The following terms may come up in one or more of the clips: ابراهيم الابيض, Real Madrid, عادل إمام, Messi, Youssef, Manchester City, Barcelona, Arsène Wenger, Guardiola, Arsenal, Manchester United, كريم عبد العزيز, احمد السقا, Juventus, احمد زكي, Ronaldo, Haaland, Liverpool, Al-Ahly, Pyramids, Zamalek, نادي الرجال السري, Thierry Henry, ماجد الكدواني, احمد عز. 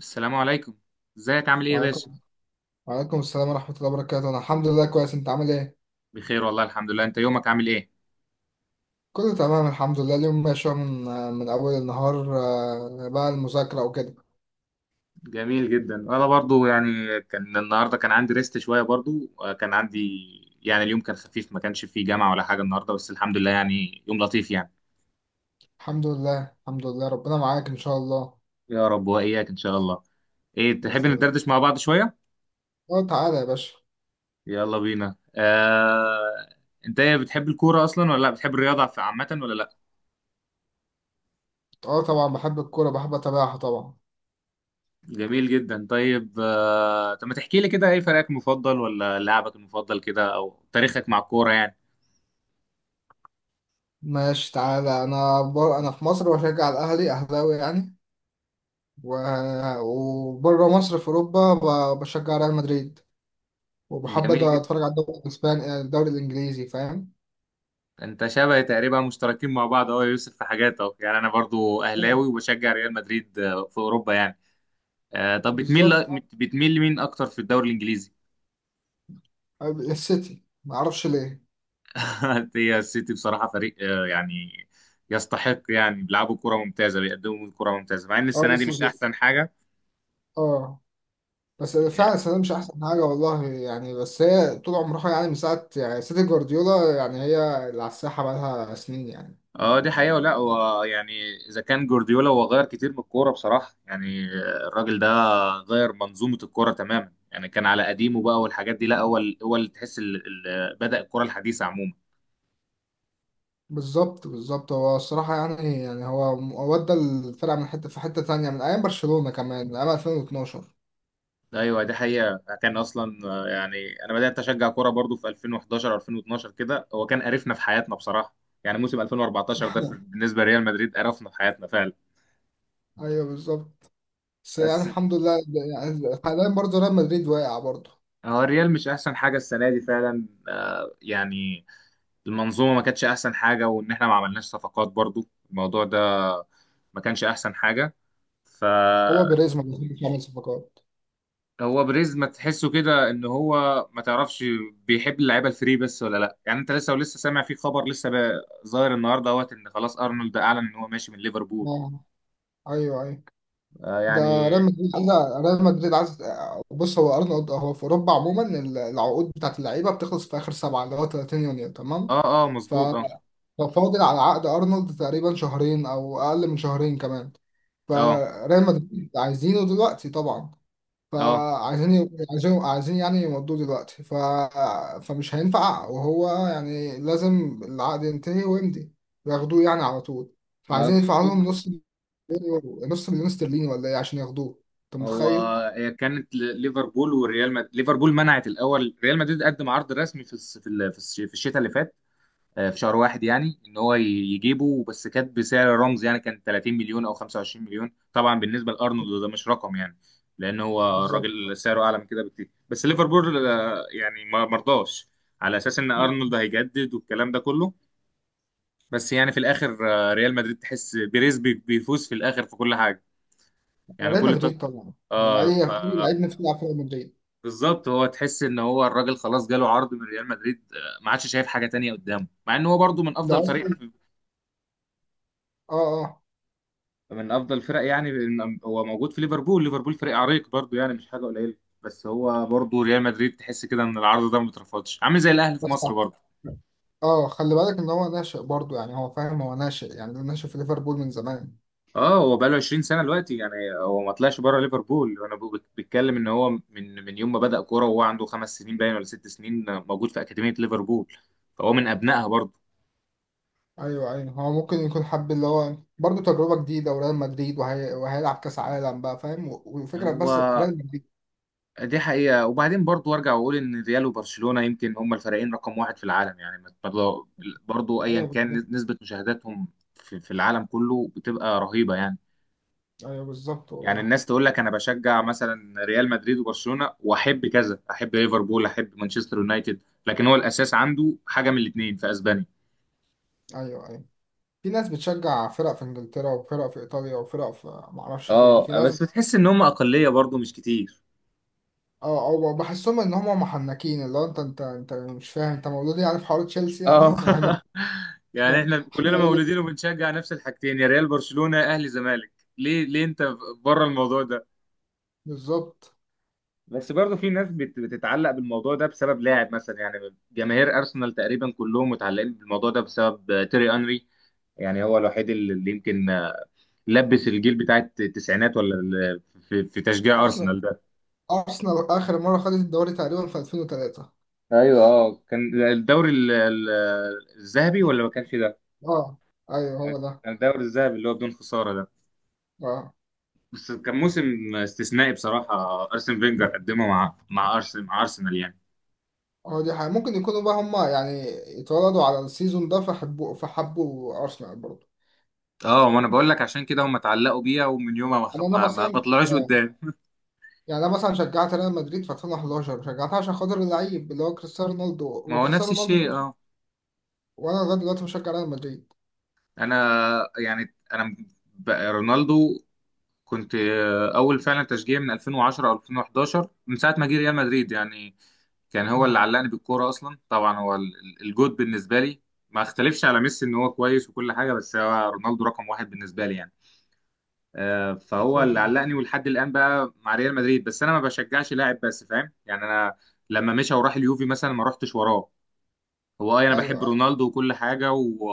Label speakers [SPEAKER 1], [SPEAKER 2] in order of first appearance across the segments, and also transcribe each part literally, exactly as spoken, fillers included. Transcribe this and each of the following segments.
[SPEAKER 1] السلام عليكم. ازيك؟ عامل ايه يا
[SPEAKER 2] وعليكم
[SPEAKER 1] باشا؟
[SPEAKER 2] وعليكم السلام ورحمة الله وبركاته. أنا الحمد لله كويس، أنت عامل إيه؟
[SPEAKER 1] بخير والله، الحمد لله. انت يومك عامل ايه؟
[SPEAKER 2] كله تمام الحمد لله. اليوم ماشي أهو من من أول النهار. آه، بقى المذاكرة وكده.
[SPEAKER 1] جميل جدا. انا برضو يعني كان النهارده كان عندي ريست شويه برضو، آه، كان عندي يعني اليوم كان خفيف، ما كانش فيه جامعه ولا حاجه النهارده، بس الحمد لله يعني يوم لطيف يعني.
[SPEAKER 2] الحمد لله الحمد لله، ربنا معاك إن شاء الله.
[SPEAKER 1] يا رب واياك ان شاء الله. ايه، تحب
[SPEAKER 2] بإذن الله.
[SPEAKER 1] ندردش مع بعض شويه؟
[SPEAKER 2] أه تعالى يا باشا.
[SPEAKER 1] يلا بينا. آه... انت ايه، بتحب الكوره اصلا ولا لا؟ بتحب الرياضه في- عامه ولا لا؟
[SPEAKER 2] أه طبعا بحب الكورة، بحب أتابعها طبعا.
[SPEAKER 1] جميل جدا. طيب، آه... طب ما تحكي لي كده، ايه فريقك المفضل ولا لاعبك المفضل كده، او تاريخك مع الكوره يعني.
[SPEAKER 2] ماشي تعالى. أنا بر... أنا في مصر بشجع الأهلي، أهلاوي يعني. و... وبره مصر في أوروبا ب... بشجع ريال مدريد، وبحب
[SPEAKER 1] جميل جدا.
[SPEAKER 2] أتفرج على الدوري الإسباني الدوري الإنجليزي، فاهم؟
[SPEAKER 1] انت شبه تقريبا مشتركين مع بعض اهو يا يوسف في حاجات اهو، يعني انا برضو اهلاوي وبشجع ريال مدريد، آه، في اوروبا يعني. آه، طب بتميل
[SPEAKER 2] بالظبط.
[SPEAKER 1] ل- بتميل لمين اكتر في الدوري الانجليزي؟
[SPEAKER 2] السيتي ما اعرفش ليه.
[SPEAKER 1] هي السيتي بصراحه فريق، آه، يعني يستحق، يعني بيلعبوا كره ممتازه، بيقدموا كره ممتازه، مع ان
[SPEAKER 2] اه
[SPEAKER 1] السنه دي مش احسن حاجه.
[SPEAKER 2] بس اه بس
[SPEAKER 1] آه،
[SPEAKER 2] فعلا السنه دي مش احسن حاجه والله يعني، بس هي طول عمرها يعني، من ساعه يعني سيتي جوارديولا، يعني هي اللي على الساحه بقالها سنين يعني.
[SPEAKER 1] اه، دي حقيقة، ولا هو يعني اذا كان جوارديولا هو غير كتير من الكورة بصراحة يعني. الراجل ده غير منظومة الكورة تماما يعني، كان على قديمه بقى والحاجات دي لا، هو ال- هو اللي تحس ال- ال- بدأ الكورة الحديثة عموما.
[SPEAKER 2] بالظبط بالظبط. هو الصراحه يعني يعني هو هو ودى الفرقه من حته في حته تانيه، من ايام برشلونه كمان، من ايام ألفين واتناشر.
[SPEAKER 1] ايوه دي حقيقة، كان اصلا آه، يعني انا بدأت اشجع كورة برضو في ألفين وأحد عشر ألفين واتناشر كده، هو كان قرفنا في حياتنا بصراحة. يعني موسم ألفين واربعتاشر ده في- بالنسبة لريال مدريد قرفنا في حياتنا فعلا.
[SPEAKER 2] ايوه بالظبط. بس يعني
[SPEAKER 1] بس
[SPEAKER 2] الحمد لله، يعني حاليا برضه ريال مدريد واقع برضه.
[SPEAKER 1] هو الريال مش احسن حاجة السنة دي فعلا، آه، يعني المنظومه ما كانتش احسن حاجه، وان احنا ما عملناش صفقات برضو، الموضوع ده ما كانش احسن حاجه.
[SPEAKER 2] هو
[SPEAKER 1] فهو
[SPEAKER 2] بيريز ما بيعمل صفقات.
[SPEAKER 1] بريز ما تحسه كده ان هو ما تعرفش بيحب اللعيبه الفري بس ولا لا يعني. انت لسه ولسه سامع في خبر لسه بقى ظاهر النهارده اهوت ان خلاص ارنولد اعلن ان هو ماشي من ليفربول؟
[SPEAKER 2] اه ايوه ايوه.
[SPEAKER 1] آه
[SPEAKER 2] ده
[SPEAKER 1] يعني
[SPEAKER 2] ريال مدريد عايز ريال مدريد عايز بص، هو ارنولد هو في اوروبا عموما، العقود بتاعت اللعيبه بتخلص في اخر سبعه، اللي هو 30 يونيو تمام.
[SPEAKER 1] اه، اه،
[SPEAKER 2] ف-
[SPEAKER 1] مظبوط. اه،
[SPEAKER 2] ففاضل على عقد ارنولد تقريبا شهرين او اقل من شهرين كمان،
[SPEAKER 1] اه،
[SPEAKER 2] فريال مدريد عايزينه دلوقتي طبعا.
[SPEAKER 1] اه،
[SPEAKER 2] فعايزين عايزين عايزين يعني يمضوه دلوقتي. ف... فمش هينفع، وهو يعني لازم العقد ينتهي ويمضي وياخدوه يعني على طول، فعايزين
[SPEAKER 1] مظبوط.
[SPEAKER 2] يدفعوا لهم نص يورو، نص مليون استرليني ولا ايه عشان ياخدوه، انت
[SPEAKER 1] هو
[SPEAKER 2] متخيل؟
[SPEAKER 1] هي كانت ل- ليفربول والريال مد... ليفربول منعت. الاول ريال مدريد قدم عرض رسمي في الس- في ال- في الش- في الشتاء اللي فات، آه، في شهر واحد، يعني ان هو ي- يجيبه، بس كانت بسعر رمز يعني، كان تلاتين مليون او خمسة وعشرين مليون. طبعا بالنسبه لارنولد ده مش رقم يعني، لان هو
[SPEAKER 2] بالظبط.
[SPEAKER 1] الراجل سعره اعلى من كده بكتير، بس ليفربول آه، يعني ما مرضاش على اساس ان ارنولد
[SPEAKER 2] مم.
[SPEAKER 1] هيجدد والكلام ده كله. بس يعني في الاخر، آه، ريال مدريد تحس بيريز بي- بيفوز في الاخر في كل حاجه يعني.
[SPEAKER 2] ريال
[SPEAKER 1] كل طب...
[SPEAKER 2] مدريد طبعا، يعني
[SPEAKER 1] اه.
[SPEAKER 2] اي
[SPEAKER 1] ف
[SPEAKER 2] اي لعيب نفسه يلعب في ريال مدريد.
[SPEAKER 1] بالظبط، هو تحس ان هو الراجل خلاص جاله عرض من ريال مدريد، آه، ما عادش شايف حاجه تانية قدامه، مع ان هو برضه من
[SPEAKER 2] ده
[SPEAKER 1] افضل فريق،
[SPEAKER 2] اصلا. اه اه.
[SPEAKER 1] من افضل الفرق يعني. من- هو موجود في ليفربول، ليفربول فريق عريق برضو يعني، مش حاجه قليله. بس هو برضو ريال مدريد تحس كده ان العرض ده ما اترفضش، عامل زي الاهلي في
[SPEAKER 2] بس
[SPEAKER 1] مصر
[SPEAKER 2] اه.
[SPEAKER 1] برضو.
[SPEAKER 2] آه، خلي بالك ان هو ناشئ برضه، يعني هو فاهم، هو ناشئ يعني، ده ناشئ في ليفربول من زمان.
[SPEAKER 1] اه، هو بقاله عشرين سنه دلوقتي يعني. هو ما طلعش بره ليفربول. انا ب- بتكلم ان هو من من يوم ما بدأ كوره وهو عنده خمس سنين باين ولا ست سنين موجود في اكاديميه ليفربول، فهو من ابنائها برضو.
[SPEAKER 2] ايوه ايوه. هو ممكن يكون حب اللي هو برضه تجربه جديده وريال مدريد، وهي... وهيلعب كاس عالم بقى، فاهم؟ والفكره
[SPEAKER 1] هو
[SPEAKER 2] بس في ريال مدريد.
[SPEAKER 1] دي حقيقة. وبعدين برضو أرجع وأقول إن ريال وبرشلونة يمكن هما الفريقين رقم واحد في العالم يعني، برضو برضو أيا
[SPEAKER 2] ايوه
[SPEAKER 1] كان
[SPEAKER 2] بالظبط.
[SPEAKER 1] نسبة مشاهداتهم في في العالم كله بتبقى رهيبة يعني.
[SPEAKER 2] ايوه بالظبط
[SPEAKER 1] يعني
[SPEAKER 2] والله.
[SPEAKER 1] الناس تقول لك أنا بشجع مثلا ريال مدريد وبرشلونة، وأحب كذا، أحب ليفربول، أحب مانشستر يونايتد، لكن هو الأساس عنده حاجة من الاتنين في أسبانيا.
[SPEAKER 2] ايوه ايوه. في ناس بتشجع فرق في انجلترا وفرق في ايطاليا وفرق في معرفش فين، في
[SPEAKER 1] اه،
[SPEAKER 2] ناس بت-
[SPEAKER 1] بس بتحس إن هما أقلية برضو مش كتير.
[SPEAKER 2] اه. او بحسهم ان هم محنكين، اللي هو انت انت انت مش فاهم، انت مولود يعني في حوار تشيلسي، يعني
[SPEAKER 1] اه.
[SPEAKER 2] ما هم احنا.
[SPEAKER 1] يعني
[SPEAKER 2] إحنا
[SPEAKER 1] احنا كلنا
[SPEAKER 2] مولود.
[SPEAKER 1] مولودين وبنشجع نفس الحاجتين، يا ريال، برشلونة، اهلي، زمالك. ليه، ليه انت بره الموضوع ده؟
[SPEAKER 2] بالظبط.
[SPEAKER 1] بس برضه في ناس بت- بتتعلق بالموضوع ده بسبب لاعب مثلا يعني. جماهير ارسنال تقريبا كلهم متعلقين بالموضوع ده بسبب آه، تيري انري. يعني هو الوحيد اللي اللي يمكن آه، لبس الجيل بتاع التسعينات، ولا ال- في في تشجيع
[SPEAKER 2] ارسنال
[SPEAKER 1] ارسنال ده.
[SPEAKER 2] ارسنال اخر مره خدت الدوري تقريبا في ألفين وتلاتة.
[SPEAKER 1] ايوه، اه، كان الدوري ال- ال- الذهبي ولا ما كانش ده؟
[SPEAKER 2] اه ايوه هو ده.
[SPEAKER 1] كان الدوري الذهبي اللي هو بدون خسارة ده،
[SPEAKER 2] اه
[SPEAKER 1] بس كان موسم استثنائي بصراحة، أرسن فينجر قدمه مع مع أرسنال مع أرسنال يعني.
[SPEAKER 2] هو دي حاجة. ممكن يكونوا بقى هم يعني اتولدوا على السيزون ده، فحبوا فحبوا ارسنال برضه.
[SPEAKER 1] اه، ما انا بقول لك عشان كده هم اتعلقوا بيها، ومن يومها ما خ-
[SPEAKER 2] يعني انا
[SPEAKER 1] ما, ما, ما
[SPEAKER 2] مثلا
[SPEAKER 1] طلعوش
[SPEAKER 2] آه.
[SPEAKER 1] قدام.
[SPEAKER 2] يعني انا مثلا شجعت ريال مدريد في ألفين وحداشر، شجعتها عشان خاطر اللعيب اللي هو كريستيانو رونالدو،
[SPEAKER 1] ما هو نفس
[SPEAKER 2] وكريستيانو رونالدو
[SPEAKER 1] الشيء
[SPEAKER 2] مشي،
[SPEAKER 1] اه.
[SPEAKER 2] وانا لغايه دلوقتي مشجع ريال مدريد.
[SPEAKER 1] انا يعني انا م- ب- رونالدو كنت آه، اول فعلا تشجيع من ألفين وعشرة او ألفين وحداشر، من ساعة ما جه ريال مدريد يعني. كان هو
[SPEAKER 2] مم.
[SPEAKER 1] اللي علقني بالكورة اصلا طبعا، هو ال- ال- الجود بالنسبة لي. ما اختلفش على ميسي ان هو كويس وكل حاجة، بس هو رونالدو رقم واحد بالنسبة لي يعني. آه، فهو اللي علقني ولحد الان بقى مع ريال مدريد، بس انا ما بشجعش لاعب بس، فاهم يعني. انا لما مشى وراح اليوفي مثلا ما رحتش وراه. هو، اه، انا بحب
[SPEAKER 2] ايوه
[SPEAKER 1] رونالدو وكل حاجه و...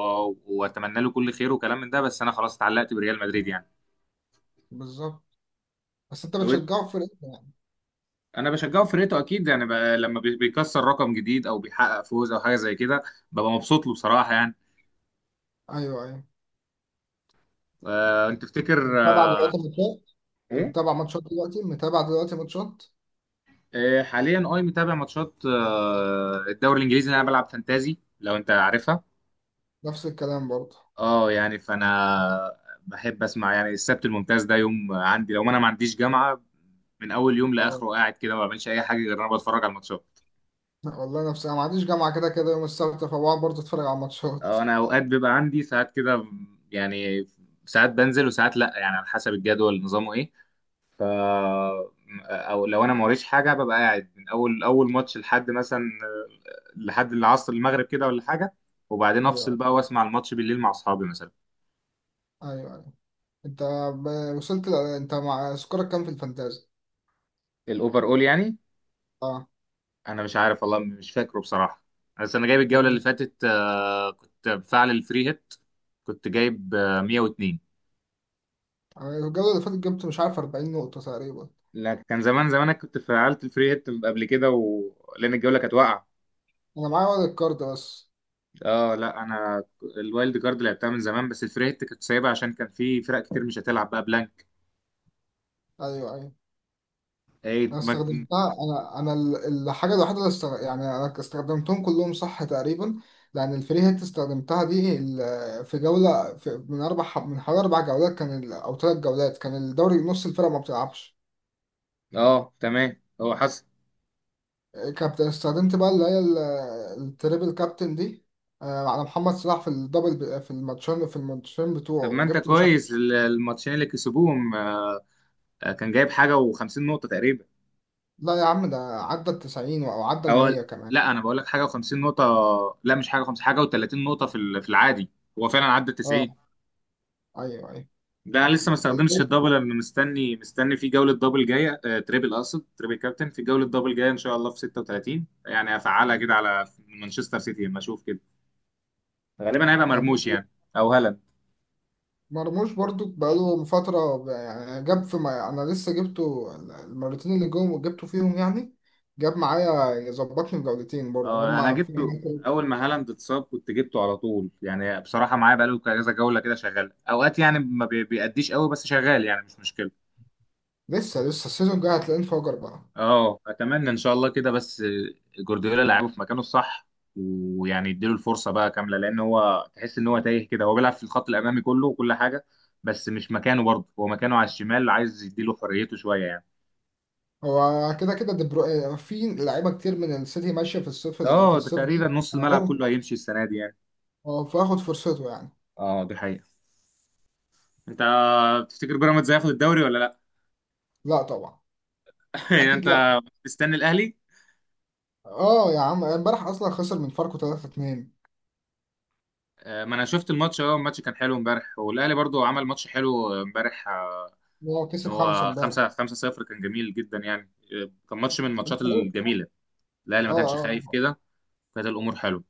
[SPEAKER 1] واتمنى له كل خير وكلام من ده، بس انا خلاص اتعلقت بريال مدريد يعني.
[SPEAKER 2] بالظبط. بس انت
[SPEAKER 1] طب إنت-
[SPEAKER 2] بتشجعه في فرقتك يعني.
[SPEAKER 1] انا بشجعه في فرقته اكيد يعني، ب... لما بي- بيكسر رقم جديد او بيحقق فوز او حاجه زي كده، ببقى مبسوط له بصراحه يعني.
[SPEAKER 2] ايوه ايوه.
[SPEAKER 1] آه، انت تفتكر
[SPEAKER 2] متابع
[SPEAKER 1] آه،
[SPEAKER 2] دلوقتي ماتشات؟ أنت
[SPEAKER 1] ايه؟
[SPEAKER 2] متابع ماتشات دلوقتي، متابع دلوقتي ماتشات.
[SPEAKER 1] آه، حاليا اي، متابع ماتشات، آه، الدوري الانجليزي اللي انا بلعب فانتازي لو انت عارفها.
[SPEAKER 2] نفس الكلام برضه.
[SPEAKER 1] اه، يعني فانا بحب اسمع يعني، السبت الممتاز ده يوم عندي لو ما انا ما عنديش جامعه، من اول يوم
[SPEAKER 2] اه
[SPEAKER 1] لاخره قاعد كده ما بعملش اي حاجه غير إن انا بتفرج على الماتشات.
[SPEAKER 2] والله، نفس، انا ما عنديش جامعه كده كده يوم السبت، فبقعد برضه اتفرج على ماتشات.
[SPEAKER 1] اه، انا اوقات بيبقى عندي ساعات كده يعني، ساعات بنزل وساعات لا يعني، على حسب الجدول نظامه ايه. ف او لو انا ما وريش حاجه ببقى قاعد من اول اول ماتش لحد مثلا لحد العصر المغرب كده ولا حاجه، وبعدين افصل
[SPEAKER 2] ايوه
[SPEAKER 1] بقى واسمع الماتش بالليل مع اصحابي مثلا.
[SPEAKER 2] ايوه. ايوه. انت ب- وصلت ل- انت مع سكورك كام في الفانتازي؟
[SPEAKER 1] الاوفر اول يعني؟
[SPEAKER 2] اه
[SPEAKER 1] انا مش عارف والله، مش فاكره بصراحه. بس انا جايب
[SPEAKER 2] طب
[SPEAKER 1] الجوله اللي فاتت، آه، كنت بفعل الفري هيت. كنت جايب آه، مئة واثنين.
[SPEAKER 2] يعني الجولة اللي فاتت جبت مش عارف 40 نقطة تقريبا.
[SPEAKER 1] لا، كان زمان زمان، انا كنت فعلت الفري هيت قبل كده و... لان الجوله كانت واقعه.
[SPEAKER 2] أنا معايا ورق الكارد بس.
[SPEAKER 1] اه، لا انا الوايلد كارد لعبتها من زمان، بس الفري هيت كنت سايبها عشان كان في فرق كتير مش هتلعب بقى بلانك.
[SPEAKER 2] أيوه أيوه.
[SPEAKER 1] اي
[SPEAKER 2] أنا
[SPEAKER 1] ما...
[SPEAKER 2] استخدمتها، أنا أنا ال- الحاجة الوحيدة اللي استغ... يعني أنا استخدمتهم كلهم صح تقريبا. لأن الفري هيت استخدمتها، دي ال- في جولة، في من أربع ح- من حوالي أربع جولات، كان ال... أو ثلاث جولات، كان الدوري نص الفرقة ما بتلعبش.
[SPEAKER 1] اه تمام، هو حصل.
[SPEAKER 2] كابتن استخدمت بقى اللي هي ال- التريبل كابتن دي، آه، على محمد صلاح في الدبل، في الماتشين في الماتشين بتوعه،
[SPEAKER 1] طب ما انت
[SPEAKER 2] وجبت مش عارف.
[SPEAKER 1] كويس، ال- الماتشين اللي كسبوهم، آه، كان جايب حاجه و50 نقطه تقريبا.
[SPEAKER 2] لا يا عم، ده عدى ال تسعين او عدى ال
[SPEAKER 1] أو
[SPEAKER 2] مية كمان.
[SPEAKER 1] لا، أنا بقول لك حاجة و50 نقطة. لا، مش حاجة خمسين، حاجة و30 نقطة في ال- في العادي، هو فعلا عدى ال تسعين.
[SPEAKER 2] اه ايوه ايوه.
[SPEAKER 1] ده أنا لسه ما استخدمتش
[SPEAKER 2] الجو-
[SPEAKER 1] الدبل. أنا مستني مستني في جولة دبل جاية، آه، تريبل، أقصد تريبل كابتن، في جولة دبل جاية إن شاء الله في ستة وتلاتين، يعني هفعلها كده على مانشستر سيتي لما أشوف كده، غالبا هيبقى مرموش
[SPEAKER 2] برضو-
[SPEAKER 1] يعني، أو هالاند.
[SPEAKER 2] مرموش برضو بقاله فترة. بقى- يعني جاب في، ما انا لسه جبته المرتين اللي جم جبته فيهم يعني، جاب معايا ظبطني بجولتين برضو، جاب
[SPEAKER 1] أه أنا
[SPEAKER 2] مع في.
[SPEAKER 1] جبته. أول ما هالاند اتصاب كنت جبته على طول يعني بصراحة، معايا بقاله كذا جولة كده، شغال أوقات يعني، ما بي- بيأديش قوي بس شغال، يعني مش مشكلة.
[SPEAKER 2] لسه لسه السيزون الجاي هتلاقيه انفجر بقى.
[SPEAKER 1] اه، اتمنى ان شاء الله كده، بس جوارديولا لعبه في مكانه الصح ويعني يديله الفرصه بقى كامله، لان هو تحس ان هو تايه كده، هو بيلعب في الخط الامامي كله وكل حاجه، بس مش مكانه برضه، هو مكانه على الشمال، عايز يديله حريته شويه يعني.
[SPEAKER 2] هو كده كده، دي برو... في لعيبة كتير من السيتي ماشية في الصيف ال- في
[SPEAKER 1] اه، ده
[SPEAKER 2] الصيف ده.
[SPEAKER 1] تقريبا نص الملعب
[SPEAKER 2] هاخد-
[SPEAKER 1] كله هيمشي السنه دي يعني.
[SPEAKER 2] اه، فاخد فرصته يعني.
[SPEAKER 1] اه، دي حقيقه. انت تفتكر بيراميدز هياخد الدوري ولا لا؟
[SPEAKER 2] لا طبعا.
[SPEAKER 1] يعني
[SPEAKER 2] اكيد لا.
[SPEAKER 1] انت مستني الاهلي؟
[SPEAKER 2] اه يا عم، امبارح اصلا خسر من فاركو ثلاثة اثنين.
[SPEAKER 1] آه، ما انا شفت الماتش. اه، الماتش كان حلو امبارح، والاهلي برضه عمل ماتش حلو امبارح،
[SPEAKER 2] هو
[SPEAKER 1] ان
[SPEAKER 2] كسب خمسة
[SPEAKER 1] هو
[SPEAKER 2] امبارح.
[SPEAKER 1] خمسة خمسة صفر، كان جميل جدا يعني. آه، كان ماتش من الماتشات
[SPEAKER 2] اه
[SPEAKER 1] الجميله، الاهلي ما كانش خايف
[SPEAKER 2] اه
[SPEAKER 1] كده، كانت الامور حلوه.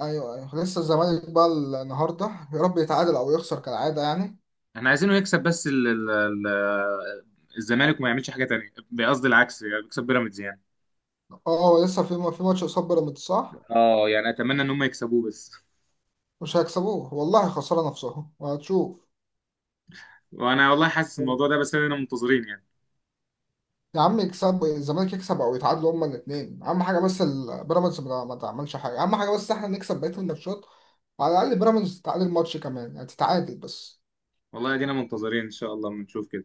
[SPEAKER 2] ايوه ايوه. لسه الزمالك بقى النهارده، يا رب يتعادل او يخسر كالعاده يعني.
[SPEAKER 1] احنا عايزينه يكسب بس ال ال ال الزمالك وما يعملش حاجه تانية، قصدي العكس، يعني يكسب بيراميدز يعني.
[SPEAKER 2] اه هو لسه في في ماتش قصاد بيراميدز، صح؟
[SPEAKER 1] اه، يعني اتمنى ان هم يكسبوه بس.
[SPEAKER 2] مش هيكسبوه والله، خساره نفسهم، وهتشوف.
[SPEAKER 1] وانا والله حاسس الموضوع ده، بس انا منتظرين يعني.
[SPEAKER 2] يا عم، يكسب الزمالك، يكسب او يتعادلوا هما الاثنين اهم حاجه، بس ال- بيراميدز ما ما تعملش حاجه اهم حاجه، بس احنا نكسب بقيه الماتشات، وعلى الاقل بيراميدز تتعادل ماتش كمان يعني، تتعادل بس.
[SPEAKER 1] والله ادينا منتظرين ان شاء الله بنشوف كده.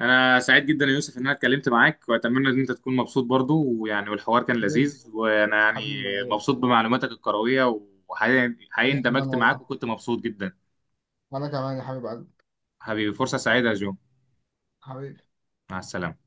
[SPEAKER 1] انا سعيد جدا يا يوسف ان انا اتكلمت معاك، واتمنى ان انت تكون مبسوط برضو، ويعني والحوار كان
[SPEAKER 2] حبيبي
[SPEAKER 1] لذيذ، وانا يعني
[SPEAKER 2] حبيبي أيوة.
[SPEAKER 1] مبسوط بمعلوماتك الكروية، وحقيقي حقيقي
[SPEAKER 2] أنا كمان
[SPEAKER 1] اندمجت معاك
[SPEAKER 2] والله.
[SPEAKER 1] وكنت مبسوط جدا.
[SPEAKER 2] وانا كمان يا حبيب قلبي.
[SPEAKER 1] حبيبي، فرصة سعيدة يا جو.
[SPEAKER 2] حبيبي.
[SPEAKER 1] مع السلامة.